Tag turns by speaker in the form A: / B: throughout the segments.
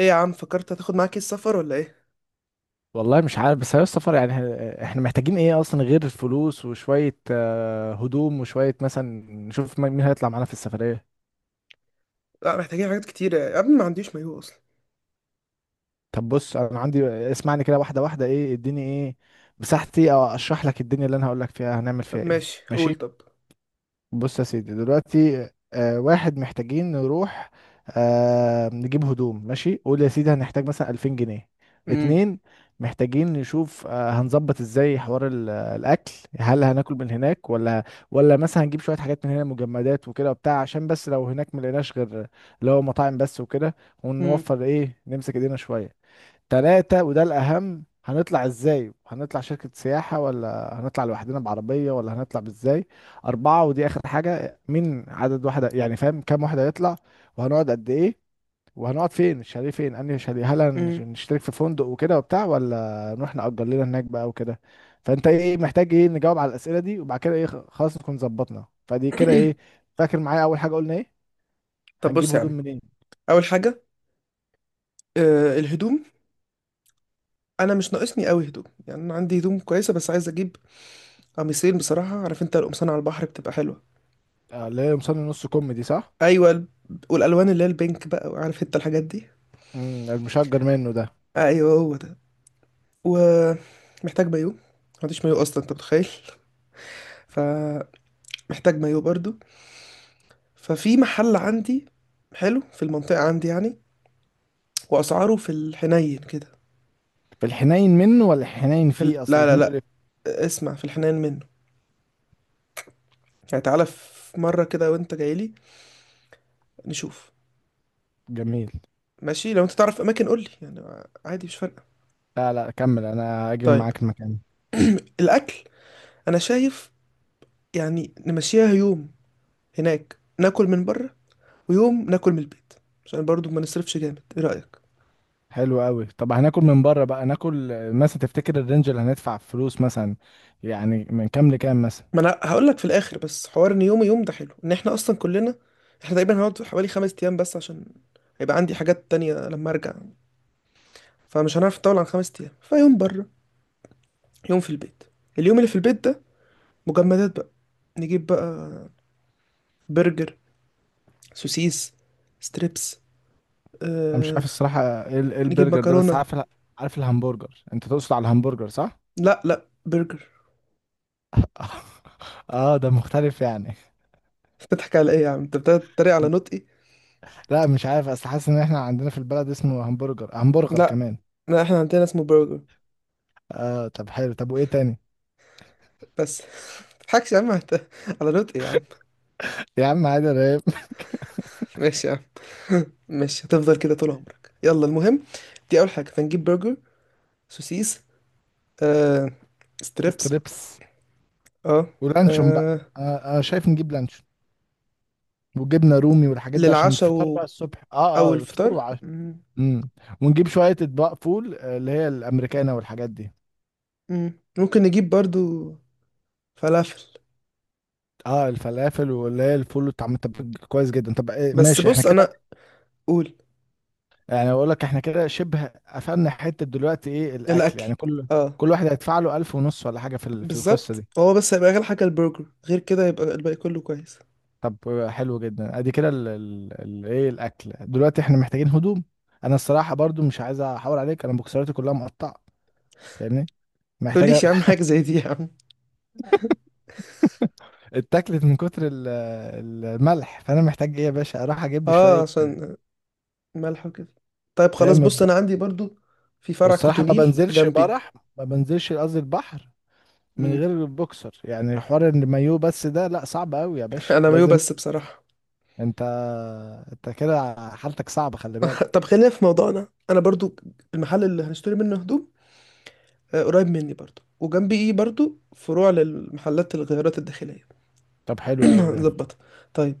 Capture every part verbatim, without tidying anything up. A: ايه يا عم، فكرت هتاخد معاك ايه السفر ولا ايه؟
B: والله مش عارف، بس يا سفر يعني ه- احنا محتاجين ايه اصلا غير الفلوس وشوية آه، هدوم وشوية مثلا. نشوف م- مين هيطلع معانا في السفرية.
A: لا، محتاجين حاجات كتير يا ابني. ما عنديش مايو اصلا.
B: طب بص انا عندي، اسمعني كده واحدة واحدة، ايه اديني، ايه مساحتي، او اشرح لك الدنيا اللي انا هقول لك فيها هنعمل فيها
A: طب
B: ايه،
A: ماشي، قول.
B: ماشي؟
A: طب
B: بص يا سيدي، دلوقتي آه واحد، محتاجين نروح آه نجيب هدوم. ماشي، قول يا سيدي هنحتاج مثلا ألفين جنيه.
A: امم،
B: اتنين، محتاجين نشوف آه هنظبط ازاي حوار ال- الاكل هل هناكل من هناك ولا ولا مثلا هنجيب شوية حاجات من هنا، مجمدات وكده وبتاع، عشان بس لو هناك ملقناش غير اللي هو مطاعم بس وكده،
A: امم،
B: ونوفر، ايه، نمسك ايدينا شوية. تلاتة، وده الأهم، هنطلع ازاي؟ هنطلع شركة سياحة ولا هنطلع لوحدنا بعربية ولا هنطلع بازاي؟ أربعة ودي آخر حاجة، مين عدد، واحدة يعني فاهم كام واحد هيطلع، وهنقعد قد إيه، وهنقعد فين، الشاليه فين، أنهي شاليه، هل هنش-
A: امم.
B: هنشترك في فندق وكده وبتاع ولا نروح نأجر لنا هناك بقى وكده. فأنت إيه محتاج، إيه، نجاوب على الأسئلة دي وبعد كده إيه، خ- خلاص نكون ظبطنا. فدي كده، إيه، فاكر معايا أول حاجة قلنا إيه؟
A: طب
B: هنجيب
A: بص يا
B: هدوم
A: عم.
B: منين؟
A: اول حاجه، آه الهدوم. انا مش ناقصني قوي هدوم، يعني انا عندي هدوم كويسه، بس عايز اجيب قميصين بصراحه. عارف انت القمصان على البحر بتبقى حلوه.
B: آه، اللي هي قمصان النص كم دي، صح؟
A: ايوه، ال- والالوان اللي هي البينك، بقى عارف انت الحاجات دي.
B: امم المشجر منه ده.
A: ايوه، هو ده. ومحتاج مايو. ما عنديش مايو اصلا، انت متخيل؟ فمحتاج مايو برضو. ففي محل عندي حلو في المنطقة عندي يعني، واسعاره في الحنين كده.
B: في الحنين منه ولا الحنين
A: في ال...
B: فيه، اصل
A: لا، لا،
B: الاتنين
A: لا.
B: دول؟
A: اسمع، في الحنين منه. يعني تعالى في مره كده وانت جاي لي نشوف.
B: جميل.
A: ماشي، لو انت تعرف اماكن قول لي، يعني عادي، مش فارقه.
B: لا لا، كمل، انا هاجي
A: طيب.
B: معاك المكان.
A: الاكل. انا شايف يعني نمشيها يوم هناك ناكل من بره، ويوم ناكل من البيت، عشان برضو ما نصرفش جامد. ايه رايك؟
B: حلو قوي. طب هناكل من بره بقى، ناكل آه، مثلا تفتكر الرينج اللي هندفع فلوس مثلا يعني من كام لكام مثلا؟
A: ما انا هقول لك في الاخر، بس حوار ان يوم يوم ده حلو، ان احنا اصلا كلنا. احنا تقريبا هنقعد حوالي خمس ايام بس، عشان هيبقى عندي حاجات تانية لما ارجع. فمش هنعرف نطول عن خمس ايام. فيوم بره، يوم في البيت. اليوم اللي في البيت ده مجمدات بقى. نجيب بقى برجر، سوسيس، ستريبس،
B: انا مش
A: آه،
B: عارف الصراحه ايه ال- إيه
A: نجيب
B: البرجر ده، بس
A: مكرونة.
B: عارف ال- عارف الهمبرجر، انت تقصد على الهمبرجر، صح؟
A: لا، لا، برجر.
B: اه ده مختلف يعني.
A: بتضحك على ايه يا عم؟ انت بتتريق على نطقي.
B: لا مش عارف، اصل حاسس ان احنا عندنا في البلد اسمه همبرجر، همبرجر
A: لا،
B: كمان.
A: لا، احنا عندنا اسمه برجر.
B: اه طب حلو، طب وايه تاني؟
A: بس متضحكش يا عم، انت، على نطقي يا عم.
B: يا عم عادي رهيب.
A: ماشي يا عم. ماشي، هتفضل كده طول عمرك. يلا المهم، دي اول حاجة، فنجيب برجر، سوسيس، آه، ستريبس.
B: ستريبس،
A: اه،
B: ولانشون بقى.
A: آه،
B: انا أنا شايف نجيب لانشون وجبنه رومي والحاجات دي عشان
A: للعشاء
B: الفطار
A: و...
B: بقى الصبح، اه
A: او
B: اه، فطار
A: الفطار.
B: وعشاء. امم. ونجيب شويه اطباق فول، آه، اللي هي الامريكانه والحاجات دي.
A: مم، ممكن نجيب برضو فلافل.
B: اه الفلافل، واللي هي الفول والطعم. طب كويس جدا. طب إيه،
A: بس
B: ماشي احنا
A: بص،
B: كده؟
A: انا. قول.
B: يعني اقول لك احنا كده شبه قفلنا حته دلوقتي. ايه الاكل
A: الاكل،
B: يعني كل،
A: اه،
B: كل واحد هيدفع له ألف ونص ولا حاجه في ال- في القصه
A: بالظبط.
B: دي؟
A: هو بس هيبقى اغلى حاجه البرجر، غير كده يبقى الباقي كله كويس.
B: طب آه، حلو جدا. ادي كده ال- ال- ال- ايه الاكل. دلوقتي احنا محتاجين هدوم. انا الصراحه برضو مش عايز احاور عليك، انا بوكسراتي كلها مقطعه، فاهمني، محتاجه.
A: تقوليش يا عم حاجه زي دي يا عم.
B: اتاكلت من كتر ال- الملح فانا محتاج، ايه، يا باشا اروح اجيب لي
A: اه،
B: شويه.
A: عشان ملح وكده. طيب، خلاص،
B: فاهم
A: بص
B: الب-
A: انا عندي برضو في فرع
B: والصراحه ما
A: كوتونيل
B: بنزلش
A: جنبي.
B: برح، ما بنزلش قصدي البحر من
A: مم.
B: غير البوكسر، يعني حوار المايو بس ده لا، صعب قوي يا باشا،
A: انا مايو
B: لازم.
A: بس بصراحه.
B: انت انت كده حالتك صعبه، خلي بالك.
A: طب خلينا في موضوعنا. انا برضو، المحل اللي هنشتري منه هدوم آه، قريب مني برضو، وجنبي ايه برضو فروع للمحلات الغيارات الداخليه.
B: طب حلو قوي ده.
A: نظبطها. طيب،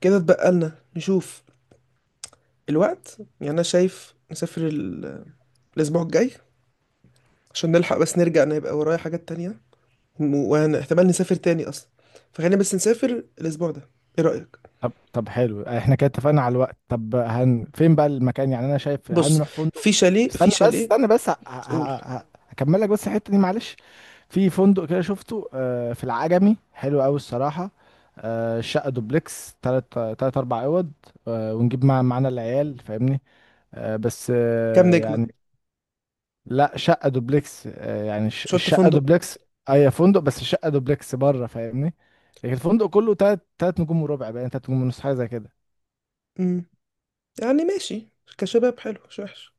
A: كده اتبقى لنا نشوف الوقت. يعني انا شايف نسافر ال- الاسبوع الجاي، عشان نلحق. بس نرجع، انا يبقى ورايا حاجات تانية، وانا احتمال نسافر تاني اصلا. فخلينا بس نسافر الاسبوع ده. ايه رأيك؟
B: طب، طب حلو، احنا كده اتفقنا على الوقت. طب هن فين بقى المكان؟ يعني انا شايف
A: بص،
B: هنروح
A: في
B: فندق.
A: شاليه، في
B: استنى بس،
A: شاليه
B: استنى بس، ه... ه...
A: قول.
B: ه... ه- هكمل لك بس الحتة دي معلش. في فندق كده شفته آه، في العجمي، حلو قوي الصراحة. آه، الشقة دوبلكس، تلات تلات أربع أوض. آه، ونجيب مع معانا العيال، فاهمني. آه، بس
A: كام
B: آه،
A: نجمة؟
B: يعني. لا شقة دوبلكس، آه، يعني الش-
A: مش قلت
B: الشقة
A: فندق؟
B: دوبلكس. أي فندق، بس الشقة دوبلكس بره، فاهمني. لكن الفندق كله تلات تلات نجوم وربع بقى، يعني تلات نجوم ونص، حاجة زي كده.
A: امم، يعني ماشي، كشباب حلو، مش وحش.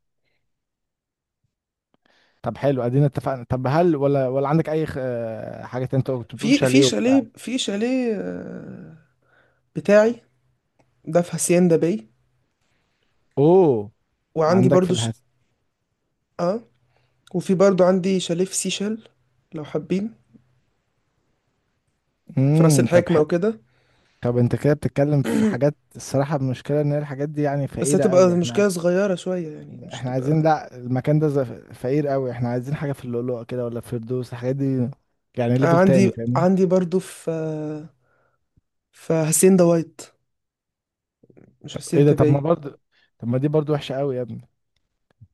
B: طب حلو، ادينا اتفقنا. طب هل، ولا ولا عندك اي خ- آه، حاجه تانية؟ انت كنت بتقول
A: في في
B: شاليه وبتاع.
A: شاليه، في شاليه آه، بتاعي. ده في هاسيندا باي.
B: اوه،
A: وعندي
B: عندك في
A: برضو ش...
B: الهاتف.
A: اه، وفي برضو عندي شاليه في سيشل لو حابين، في راس
B: امم طب
A: الحكمة
B: حلو.
A: وكده.
B: طب انت كده بتتكلم في حاجات، الصراحه المشكله ان هي الحاجات دي يعني
A: بس
B: فقيره
A: هتبقى
B: قوي. احنا
A: مشكلة صغيرة شوية، يعني مش
B: احنا
A: هتبقى.
B: عايزين، لا المكان ده ز- فقير قوي، احنا عايزين حاجه في اللؤلؤه كده، ولا في فردوس الحاجات دي، يعني
A: آه،
B: ليفل
A: عندي
B: تاني، فاهمني.
A: عندي برضو في في حسين دوايت، مش حسين
B: ايه ده؟ طب ما
A: تبعي.
B: برضه، طب ما دي برضه وحشه قوي يا ابني.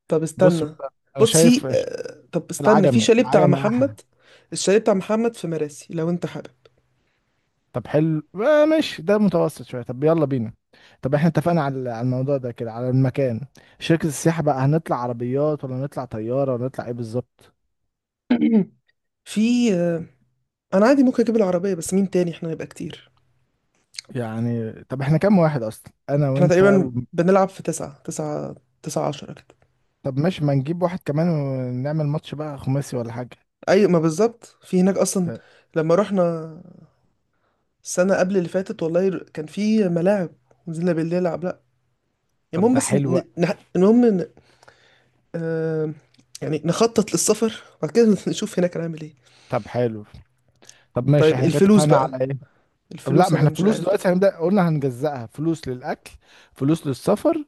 A: طب
B: بص
A: استنى.
B: انا
A: بص في،
B: شايف،
A: آه، طب استنى، في
B: العجمي
A: شاليه بتاع
B: العجمي احلى.
A: محمد. الشاليه بتاع محمد في مراسي لو انت حابب.
B: طب حلو، آه ماشي، ده متوسط شوية. طب يلا بينا. طب احنا اتفقنا على على الموضوع ده كده، على المكان. شركة السياحة بقى، هنطلع عربيات ولا نطلع طيارة ولا نطلع ايه بالظبط؟
A: في، آه، انا عادي ممكن اجيب العربية، بس مين تاني؟ احنا نبقى كتير.
B: يعني طب احنا كام واحد اصلا، انا
A: احنا
B: وانت و...
A: تقريبا بنلعب في تسعة تسعة، تسعة عشرة كده.
B: طب ماشي، ما نجيب واحد كمان ونعمل ماتش بقى خماسي ولا حاجة.
A: اي ما بالظبط في هناك اصلا، لما رحنا السنة قبل اللي فاتت. والله ر- كان في ملاعب، نزلنا بالليل نلعب. لأ
B: طب
A: المهم،
B: ده
A: بس
B: حلو.
A: ن... ن... المهم ن... آه... يعني نخطط للسفر، وبعد كده نشوف هناك هنعمل ايه.
B: طب حلو. طب ماشي،
A: طيب،
B: احنا كده
A: الفلوس
B: اتفقنا
A: بقى.
B: على ايه؟ طب لا،
A: الفلوس
B: ما
A: أنا
B: احنا
A: مش
B: فلوس
A: عارف بقى.
B: دلوقتي هنبدأ، قلنا هنجزأها، فلوس للأكل، فلوس للسفر،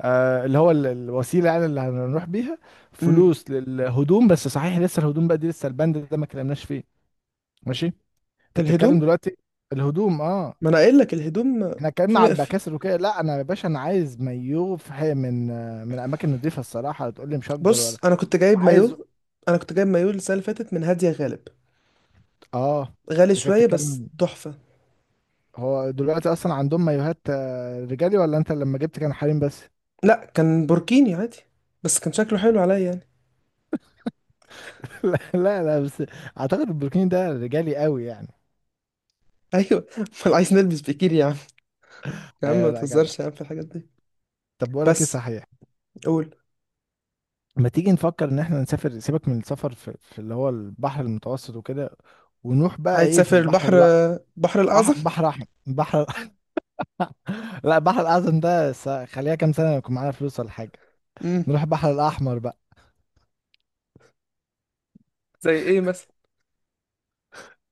B: آه اللي هو ال- الوسيلة يعني اللي هنروح بيها،
A: امم،
B: فلوس للهدوم. بس صحيح لسه الهدوم بقى دي، لسه البند ده ما اتكلمناش فيه. ماشي، انت بتتكلم
A: الهدوم.
B: دلوقتي. الهدوم، اه.
A: ما أنا قايل لك الهدوم آه،
B: احنا
A: في،
B: اتكلمنا على
A: م... في.
B: البكاسر وكده، لا انا يا باشا انا عايز مايو في حي من، آه، من اماكن نضيفة الصراحة، تقول لي مشجر
A: بص،
B: ولا؟
A: أنا كنت جايب
B: وعايز،
A: مايو. أنا كنت جايب مايو السنة اللي فاتت من هادية غالب.
B: اه.
A: غالي
B: انت كده
A: شوية بس
B: بتتكلم،
A: تحفة.
B: هو دلوقتي اصلا عندهم مايوهات آه، رجالي ولا انت لما جبت كان حريم بس؟
A: لأ، كان بوركيني عادي، بس كان شكله حلو عليا يعني.
B: لا لا لا بس، اعتقد البروكين ده رجالي قوي يعني.
A: أيوة. أمال عايز نلبس بيكيني يا عم؟ يا عم
B: ايوه،
A: ما
B: لا جدع.
A: تهزرش يا عم في الحاجات دي.
B: طب بقول لك ايه
A: بس
B: صحيح،
A: قول.
B: ما تيجي نفكر ان احنا نسافر، سيبك من السفر في, في اللي هو البحر المتوسط وكده، ونروح بقى،
A: عايز
B: ايه، في
A: تسافر
B: البحر،
A: البحر،
B: لا.
A: البحر الأعظم؟
B: أح... بحر احمر، بحر. لا البحر الاعظم ده س... خليها كام سنه يكون معانا فلوس ولا حاجه.
A: امم،
B: نروح البحر الاحمر بقى.
A: زي ايه مثلا؟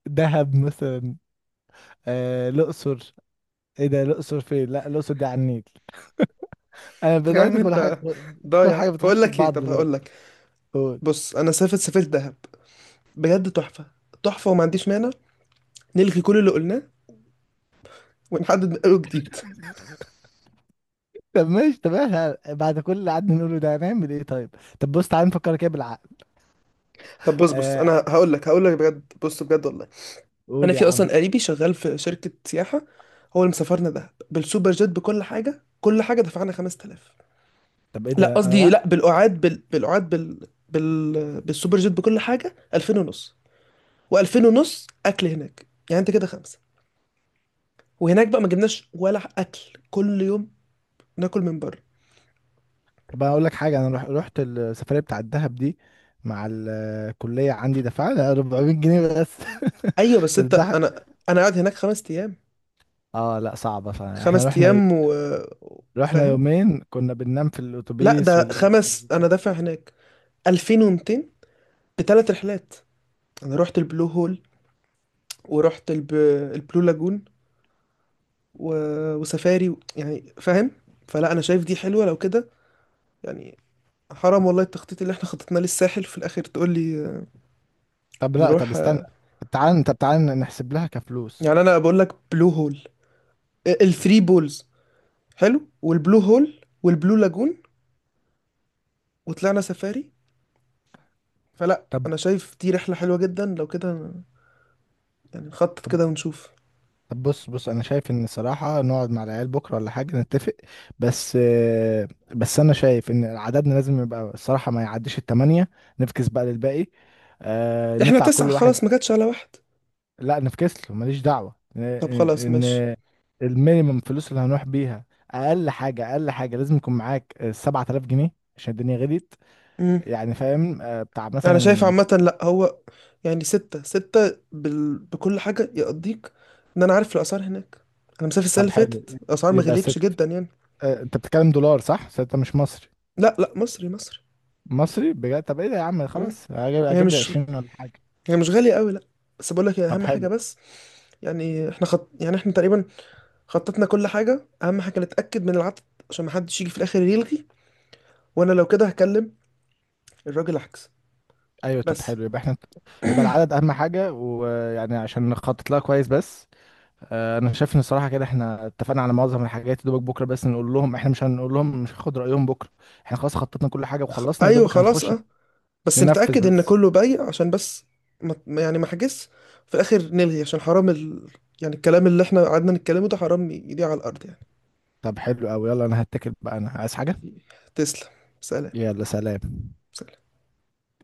B: دهب مثلا. آه... الاقصر. ايه ده؟ الاقصر فين؟ لا الاقصر دي على النيل. انا
A: يا
B: بدات
A: عم
B: كل حاجه،
A: انت
B: كل
A: ضايع.
B: حاجه
A: بقول
B: بتخش في
A: لك ايه،
B: بعض
A: طب هقول لك.
B: دلوقتي.
A: بص، انا سافرت سافرت دهب، بجد تحفة. تحفة، وما عنديش مانع نلغي كل اللي قلناه ونحدد من اول جديد.
B: طب ماشي. طب احنا بعد كل اللي قعدنا نقوله ده هنعمل ايه طيب؟ طب بص، تعالى نفكر كده بالعقل.
A: طب بص بص
B: آه،
A: انا هقول لك هقول لك بجد. بص بجد والله، انا
B: قول يا
A: في
B: عم.
A: اصلا قريبي شغال في شركة سياحة. هو اللي مسافرنا دهب بالسوبر جيت بكل حاجة. كل حاجة دفعنا خمس تلاف.
B: طب ايه
A: لا،
B: ده؟ انا
A: قصدي
B: رايح.
A: لا، بالقعاد بال... بالقعاد بال... بال... بالسوبر جيت بكل حاجة ألفين ونص، و2000 ونص اكل هناك. يعني انت كده خمسه. وهناك بقى ما جبناش ولا اكل كل يوم، ناكل من بره.
B: طب انا اقول لك حاجه، انا رح... رحت السفريه بتاع الدهب دي مع الكليه عندي، دفعنا أربعمية جنيه بس.
A: ايوه بس انت،
B: تضحك؟
A: انا انا قاعد هناك خمس ايام،
B: اه لا صعبه، فاحنا
A: خمس
B: رحنا،
A: ايام و...
B: رحنا
A: فاهم؟
B: يومين كنا بننام في
A: لا،
B: الاتوبيس
A: ده
B: وال...
A: خمس. انا دافع هناك الفين ومتين بثلاث رحلات. انا رحت البلو هول، ورحت الب... البلو لاجون، و... وسفاري و... يعني فاهم. فلا انا شايف دي حلوه لو كده، يعني. حرام والله، التخطيط اللي احنا خططناه للساحل في الاخر تقول لي
B: طب لا طب
A: نروح؟
B: استنى، طب تعالى طب تعالى نحسب لها كفلوس.
A: يعني انا بقول لك بلو هول، الثري بولز حلو، والبلو هول والبلو لاجون، وطلعنا سفاري. فلا
B: طب.
A: انا شايف دي رحله حلوه جدا لو كده، يعني نخطط كده ونشوف.
B: طب بص بص، انا شايف ان صراحة نقعد مع العيال بكرة ولا حاجة نتفق. بس آه، بس انا شايف ان عددنا لازم يبقى الصراحة ما يعديش التمانية. نفكس بقى للباقي، آه،
A: احنا
B: نطلع
A: تسعه،
B: كل واحد.
A: خلاص ما جاتش على واحد.
B: لا نفكس له، ماليش دعوة، ان
A: طب خلاص ماشي.
B: إن المينيمم فلوس اللي هنروح بيها، اقل حاجة، اقل حاجة لازم يكون معاك آه، سبعة آلاف جنيه عشان الدنيا غليت.
A: امم،
B: يعني فاهم، آه، بتاع
A: انا شايف
B: مثلا.
A: عامه. لا، هو يعني ستة ستة بال... بكل حاجة يقضيك، ان انا عارف الاسعار هناك. انا مسافر السنة
B: طب
A: اللي
B: حلو
A: فاتت، الاسعار ما
B: يبقى
A: غليتش
B: ست،
A: جدا يعني.
B: آه، انت بتتكلم دولار، صح؟ ستة مش مصري؟
A: لا، لا، مصري مصري.
B: مصري بجد؟ طب ايه ده يا عم،
A: مم.
B: خلاص اجيب,
A: هي
B: أجيب لي
A: مش
B: عشرين ولا حاجه.
A: هي مش غالية قوي، لا. بس بقول لك
B: طب
A: اهم حاجة
B: حلو.
A: بس، يعني احنا خط... يعني احنا تقريبا خططنا كل حاجة. أهم حاجة نتأكد من العدد، عشان محدش يجي في الآخر يلغي. وأنا لو كده هكلم الراجل عكس.
B: ايوه طب
A: بس
B: حلو، يبقى احنا، يبقى العدد اهم حاجه، ويعني عشان نخطط لها كويس بس. آه، انا شايف ان الصراحه كده احنا اتفقنا على معظم الحاجات يا دوبك، بكره بس نقول لهم، احنا مش هنقول لهم، مش هناخد رايهم بكره، احنا خلاص خططنا كل حاجه
A: خ...
B: وخلصنا، يا
A: أيوه
B: دوبك
A: خلاص،
B: هنخش
A: أه. بس نتأكد
B: ننفذ
A: إن
B: بس.
A: كله بايع، عشان بس ما... ما- يعني ما حجز في الآخر نلغي، عشان حرام ال... يعني الكلام اللي إحنا قعدنا نتكلمه ده حرام ي- يضيع على الأرض يعني.
B: طب حلو قوي. يلا انا هتكل بقى انا عايز حاجه.
A: تسلم. سلام.
B: يلا سلام.
A: سلام.